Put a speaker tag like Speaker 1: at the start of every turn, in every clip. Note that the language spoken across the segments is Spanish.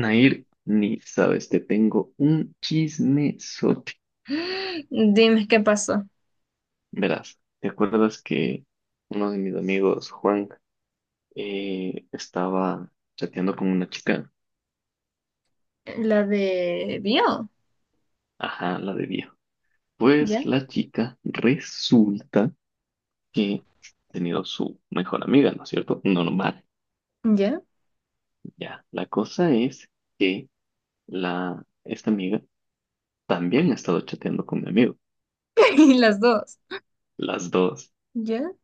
Speaker 1: Nair, ni sabes, te tengo un chismesote.
Speaker 2: Dime qué pasó.
Speaker 1: Verás, ¿te acuerdas que uno de mis amigos, Juan, estaba chateando con una chica?
Speaker 2: La de Bio.
Speaker 1: Ajá, la de viejo. Pues
Speaker 2: Ya,
Speaker 1: la chica resulta que ha tenido su mejor amiga, ¿no es cierto? Normal,
Speaker 2: ya.
Speaker 1: ya. La cosa es que esta amiga también ha estado chateando con mi amigo,
Speaker 2: Y las dos.
Speaker 1: las dos.
Speaker 2: Ya,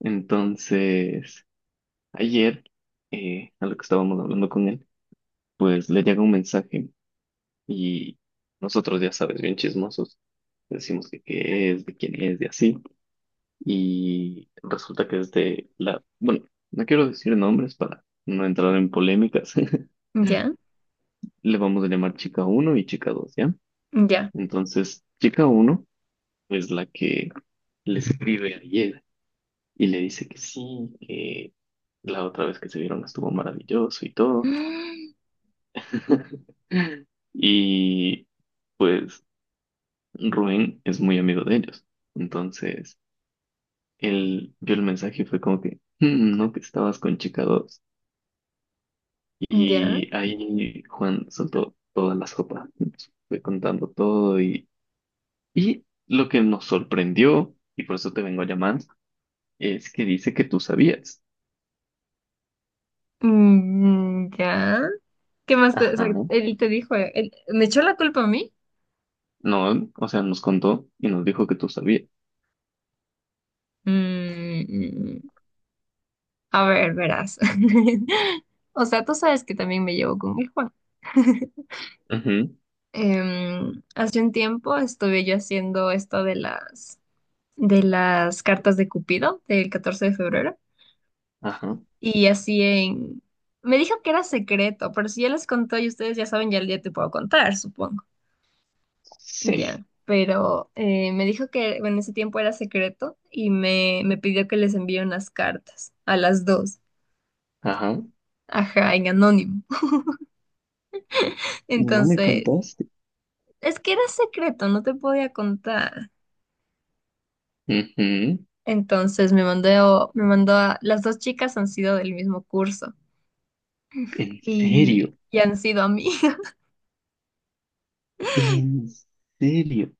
Speaker 1: Entonces, ayer, a lo que estábamos hablando con él, pues le llega un mensaje y nosotros, ya sabes, bien chismosos, decimos que qué es, de quién es, de así. Y resulta que es bueno, no quiero decir nombres para no entrar en polémicas.
Speaker 2: ya,
Speaker 1: Le vamos a llamar chica uno y chica dos, ¿ya?
Speaker 2: ya.
Speaker 1: Entonces, chica uno es la que le escribe ayer y le dice que sí, que la otra vez que se vieron estuvo maravilloso y
Speaker 2: Ya,
Speaker 1: todo. Y pues Rubén es muy amigo de ellos. Entonces, él vio el mensaje y fue como que, "Mm, no, que estabas con chica 2". Y ahí Juan soltó toda la sopa. Nos fue contando todo y lo que nos sorprendió, y por eso te vengo a llamar, es que dice que tú sabías.
Speaker 2: mm, ya. ¿Qué más te, o sea,
Speaker 1: Ajá.
Speaker 2: él te dijo? ¿Me echó la culpa a mí?
Speaker 1: No, o sea, nos contó y nos dijo que tú sabías.
Speaker 2: Mm, a ver, verás. O sea, tú sabes que también me llevo con el Juan.
Speaker 1: Ujú.
Speaker 2: Hace un tiempo estuve yo haciendo esto de las, cartas de Cupido del 14 de febrero.
Speaker 1: Ajá.
Speaker 2: Y así en. Me dijo que era secreto, pero si ya les contó y ustedes ya saben, ya, ya te puedo contar, supongo.
Speaker 1: Sí.
Speaker 2: Ya. Pero me dijo que en ese tiempo era secreto y me pidió que les envíe unas cartas a las dos.
Speaker 1: Ajá.
Speaker 2: Ajá, en anónimo.
Speaker 1: Y no me
Speaker 2: Entonces,
Speaker 1: contaste.
Speaker 2: es que era secreto, no te podía contar.
Speaker 1: Ujú.
Speaker 2: Entonces me mandó a. Las dos chicas han sido del mismo curso
Speaker 1: En serio,
Speaker 2: y han sido amigas
Speaker 1: en serio.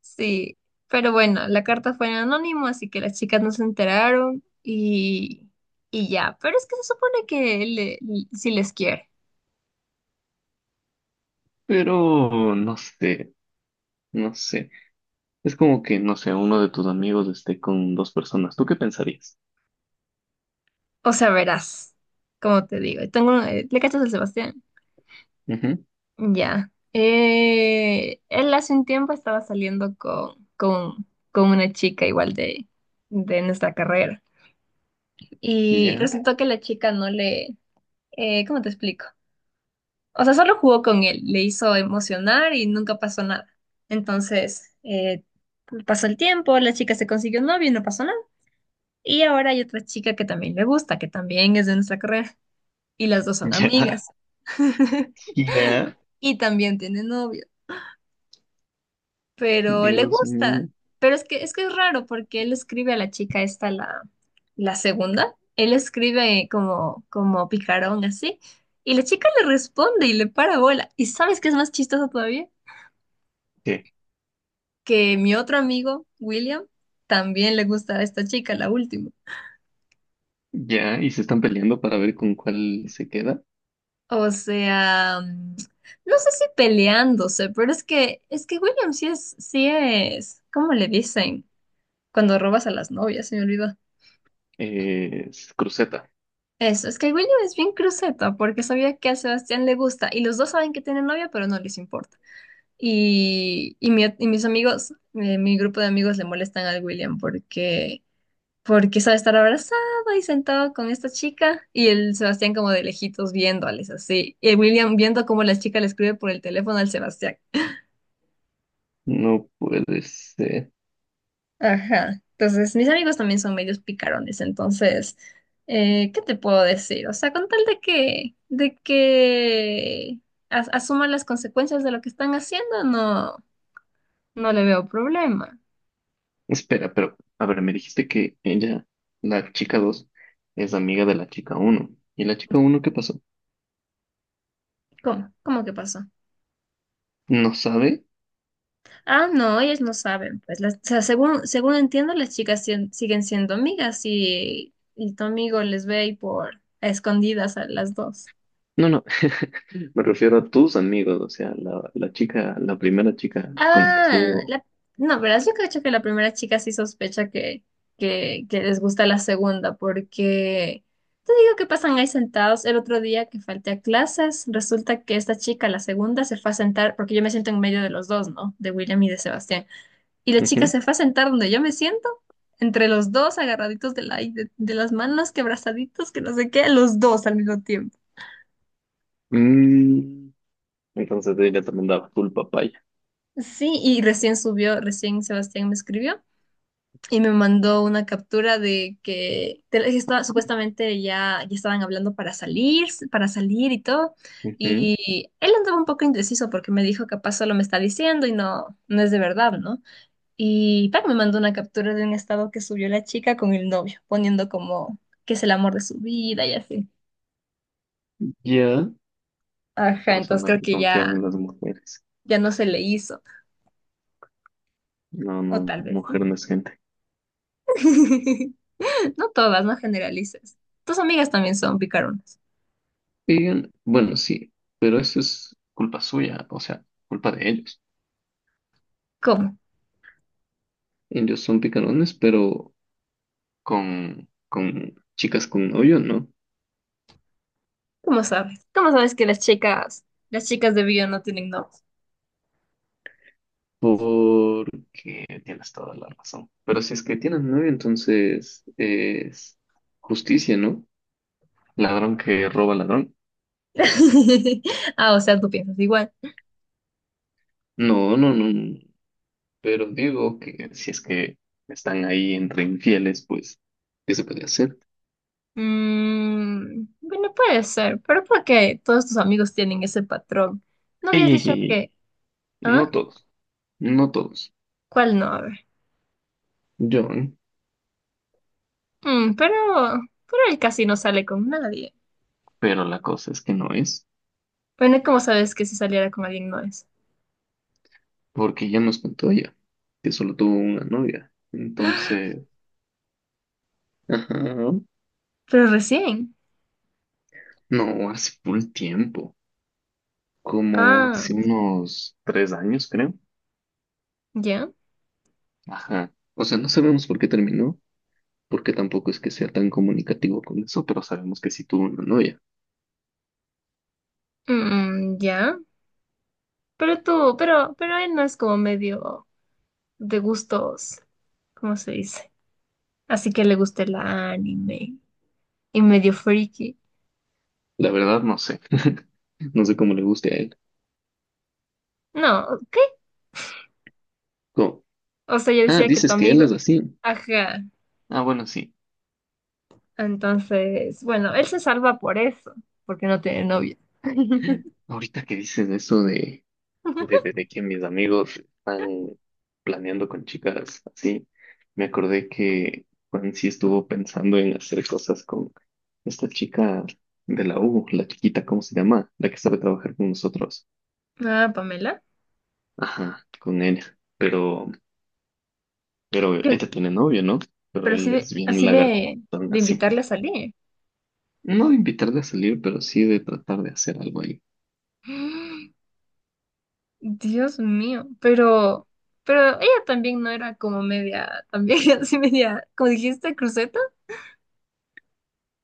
Speaker 2: Sí, pero bueno, la carta fue en anónimo, así que las chicas no se enteraron y ya. Pero es que se supone que si les quiere.
Speaker 1: Pero no sé, no sé. Es como que, no sé, uno de tus amigos esté con dos personas. ¿Tú qué pensarías?
Speaker 2: O sea, verás, como te digo. Tengo, ¿le cachas al Sebastián?
Speaker 1: Ujú.
Speaker 2: Ya. Él hace un tiempo estaba saliendo con una chica igual de nuestra carrera. Y
Speaker 1: Ya,
Speaker 2: resultó que la chica no le. ¿Cómo te explico? O sea, solo jugó con él, le hizo emocionar y nunca pasó nada. Entonces, pasó el tiempo, la chica se consiguió un novio y no pasó nada. Y ahora hay otra chica que también le gusta, que también es de nuestra carrera. Y las dos son
Speaker 1: ya,
Speaker 2: amigas.
Speaker 1: ya.
Speaker 2: Y también tiene novio, pero le
Speaker 1: Dios
Speaker 2: gusta.
Speaker 1: mío.
Speaker 2: Pero es que es raro porque él escribe a la chica esta, la segunda. Él escribe como picarón así. Y la chica le responde y le para bola. ¿Y sabes qué es más chistoso todavía?
Speaker 1: ¿Qué?
Speaker 2: Que mi otro amigo, William, también le gusta a esta chica, la última.
Speaker 1: Ya, y se están peleando para ver con cuál se queda.
Speaker 2: O sea, no sé si peleándose, pero es que William sí es, ¿cómo le dicen? Cuando robas a las novias, se me olvidó.
Speaker 1: Es Cruceta.
Speaker 2: Eso, es que William es bien cruceta porque sabía que a Sebastián le gusta y los dos saben que tiene novia, pero no les importa. Y mis amigos, mi grupo de amigos le molestan al William porque sabe estar abrazado y sentado con esta chica y el Sebastián como de lejitos viéndoles así. Y el William viendo cómo la chica le escribe por el teléfono al Sebastián.
Speaker 1: No puede ser.
Speaker 2: Ajá. Entonces, mis amigos también son medios picarones, entonces, ¿qué te puedo decir? O sea, con tal de que asuman las consecuencias de lo que están haciendo, no, no le veo problema.
Speaker 1: Espera, pero, a ver, me dijiste que la chica 2 es amiga de la chica uno. ¿Y la chica uno qué pasó?
Speaker 2: ¿Cómo? ¿Cómo que pasó?
Speaker 1: ¿No sabe?
Speaker 2: Ah, no, ellas no saben, pues, o sea, según entiendo, las chicas siguen siendo amigas y tu amigo les ve y por a escondidas a las dos.
Speaker 1: No, no, me refiero a tus amigos, o sea, la primera chica con la que
Speaker 2: Ah,
Speaker 1: estuvo.
Speaker 2: no, verás, yo creo que la primera chica sí sospecha que les gusta la segunda, porque te digo que pasan ahí sentados. El otro día que falté a clases, resulta que esta chica, la segunda, se fue a sentar, porque yo me siento en medio de los dos, ¿no? De William y de Sebastián. Y la chica
Speaker 1: Ujú.
Speaker 2: se fue a sentar donde yo me siento, entre los dos agarraditos de las manos, que abrazaditos, que no sé qué, los dos al mismo tiempo.
Speaker 1: Mm, Entonces ella también daba full papaya.
Speaker 2: Sí, y recién Sebastián me escribió y me mandó una captura que estaba, supuestamente ya estaban hablando para salir, y todo.
Speaker 1: Ujú.
Speaker 2: Y él andaba un poco indeciso porque me dijo capaz solo me está diciendo y no, no es de verdad, ¿no? Y Pac me mandó una captura de un estado que subió la chica con el novio, poniendo como que es el amor de su vida y así.
Speaker 1: Ya.
Speaker 2: Ajá,
Speaker 1: Por
Speaker 2: entonces
Speaker 1: no hay
Speaker 2: creo
Speaker 1: que
Speaker 2: que
Speaker 1: confiar
Speaker 2: ya,
Speaker 1: en las mujeres.
Speaker 2: ya no se le hizo.
Speaker 1: No,
Speaker 2: O
Speaker 1: no,
Speaker 2: tal vez sí.
Speaker 1: mujer no es gente.
Speaker 2: No todas, no generalices. Tus amigas también son picaronas.
Speaker 1: Y, bueno, sí, pero eso es culpa suya, o sea, culpa de ellos.
Speaker 2: ¿Cómo?
Speaker 1: Ellos son picarones, pero con chicas con novio, ¿no?
Speaker 2: ¿Cómo sabes? ¿Cómo sabes que las chicas de bio no tienen novios?
Speaker 1: Porque tienes toda la razón. Pero si es que tienen novio, entonces es justicia, ¿no? Ladrón que roba ladrón.
Speaker 2: Ah, o sea, tú piensas igual.
Speaker 1: No, no, no, no. Pero digo que si es que están ahí entre infieles, pues, ¿qué se puede hacer?
Speaker 2: Bueno, puede ser, pero ¿por qué todos tus amigos tienen ese patrón? ¿No habías
Speaker 1: Ey, ey,
Speaker 2: dicho
Speaker 1: ey, ey.
Speaker 2: que...?
Speaker 1: No
Speaker 2: ¿Ah?
Speaker 1: todos, no todos.
Speaker 2: ¿Cuál no? A ver.
Speaker 1: John,
Speaker 2: Mm, pero, pero él casi no sale con nadie.
Speaker 1: pero la cosa es que no es,
Speaker 2: Bueno, ¿cómo sabes que si saliera con alguien no es?
Speaker 1: porque ya nos contó ella, que solo tuvo una novia. Entonces, ajá,
Speaker 2: Pero recién.
Speaker 1: no, hace full tiempo, como
Speaker 2: Ah,
Speaker 1: hace unos 3 años, creo.
Speaker 2: ya.
Speaker 1: Ajá. O sea, no sabemos por qué terminó, porque tampoco es que sea tan comunicativo con eso, pero sabemos que sí tuvo una novia.
Speaker 2: Mm, ya. Pero él no es como medio de gustos, ¿cómo se dice? Así que le gusta el anime y medio freaky.
Speaker 1: La verdad, no sé. No sé cómo le guste a él.
Speaker 2: No, ¿qué?
Speaker 1: ¿Cómo?
Speaker 2: O sea, yo
Speaker 1: Ah,
Speaker 2: decía que tu
Speaker 1: dices que él
Speaker 2: amigo,
Speaker 1: es así.
Speaker 2: ajá.
Speaker 1: Ah, bueno, sí.
Speaker 2: Entonces, bueno, él se salva por eso, porque no tiene novia.
Speaker 1: Ahorita que dices eso de que mis amigos están planeando con chicas así, me acordé que Juan sí estuvo pensando en hacer cosas con esta chica de la U, la chiquita, ¿cómo se llama? La que sabe trabajar con nosotros.
Speaker 2: Ah, Pamela.
Speaker 1: Ajá, con ella. Pero, pero
Speaker 2: ¿Qué-?
Speaker 1: ella tiene novio, ¿no? Pero
Speaker 2: Pero así
Speaker 1: él es bien lagartón
Speaker 2: de
Speaker 1: así.
Speaker 2: invitarle a salir.
Speaker 1: No de invitarle a salir, pero sí de tratar de hacer algo ahí.
Speaker 2: Dios mío, pero ella también no era como media, también así media, como dijiste, cruceta.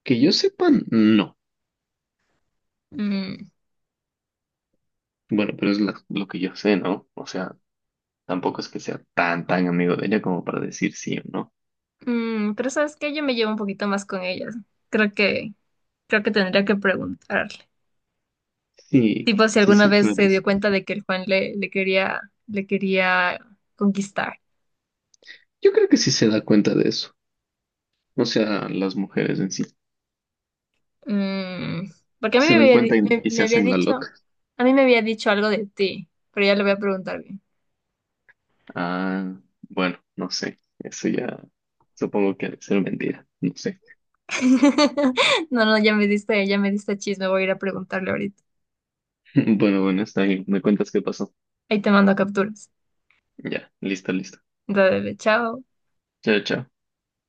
Speaker 1: Que yo sepa, no.
Speaker 2: Mm,
Speaker 1: Bueno, pero es lo que yo sé, ¿no? O sea, tampoco es que sea tan, tan amigo de ella como para decir sí o no.
Speaker 2: mm, pero sabes que yo me llevo un poquito más con ellas. Creo que, creo que tendría que preguntarle.
Speaker 1: Sí,
Speaker 2: Tipo, si
Speaker 1: sí,
Speaker 2: alguna
Speaker 1: sí, tú
Speaker 2: vez se dio
Speaker 1: eres.
Speaker 2: cuenta de que el Juan le quería conquistar.
Speaker 1: Yo creo que sí se da cuenta de eso. O sea, las mujeres en sí
Speaker 2: Mm, porque a mí
Speaker 1: se
Speaker 2: me
Speaker 1: dan
Speaker 2: había, di-
Speaker 1: cuenta y, y se hacen la loca.
Speaker 2: a mí me había dicho algo de ti, pero ya le voy a preguntar bien.
Speaker 1: Ah, bueno, no sé. Eso ya supongo que ha de ser mentira. No sé.
Speaker 2: No, no, ya me diste, chisme, voy a ir a preguntarle ahorita.
Speaker 1: Bueno, bueno, está bien. Me cuentas qué pasó.
Speaker 2: Ahí te mando capturas.
Speaker 1: Ya, listo, listo.
Speaker 2: Dale, chao.
Speaker 1: Chao, chao.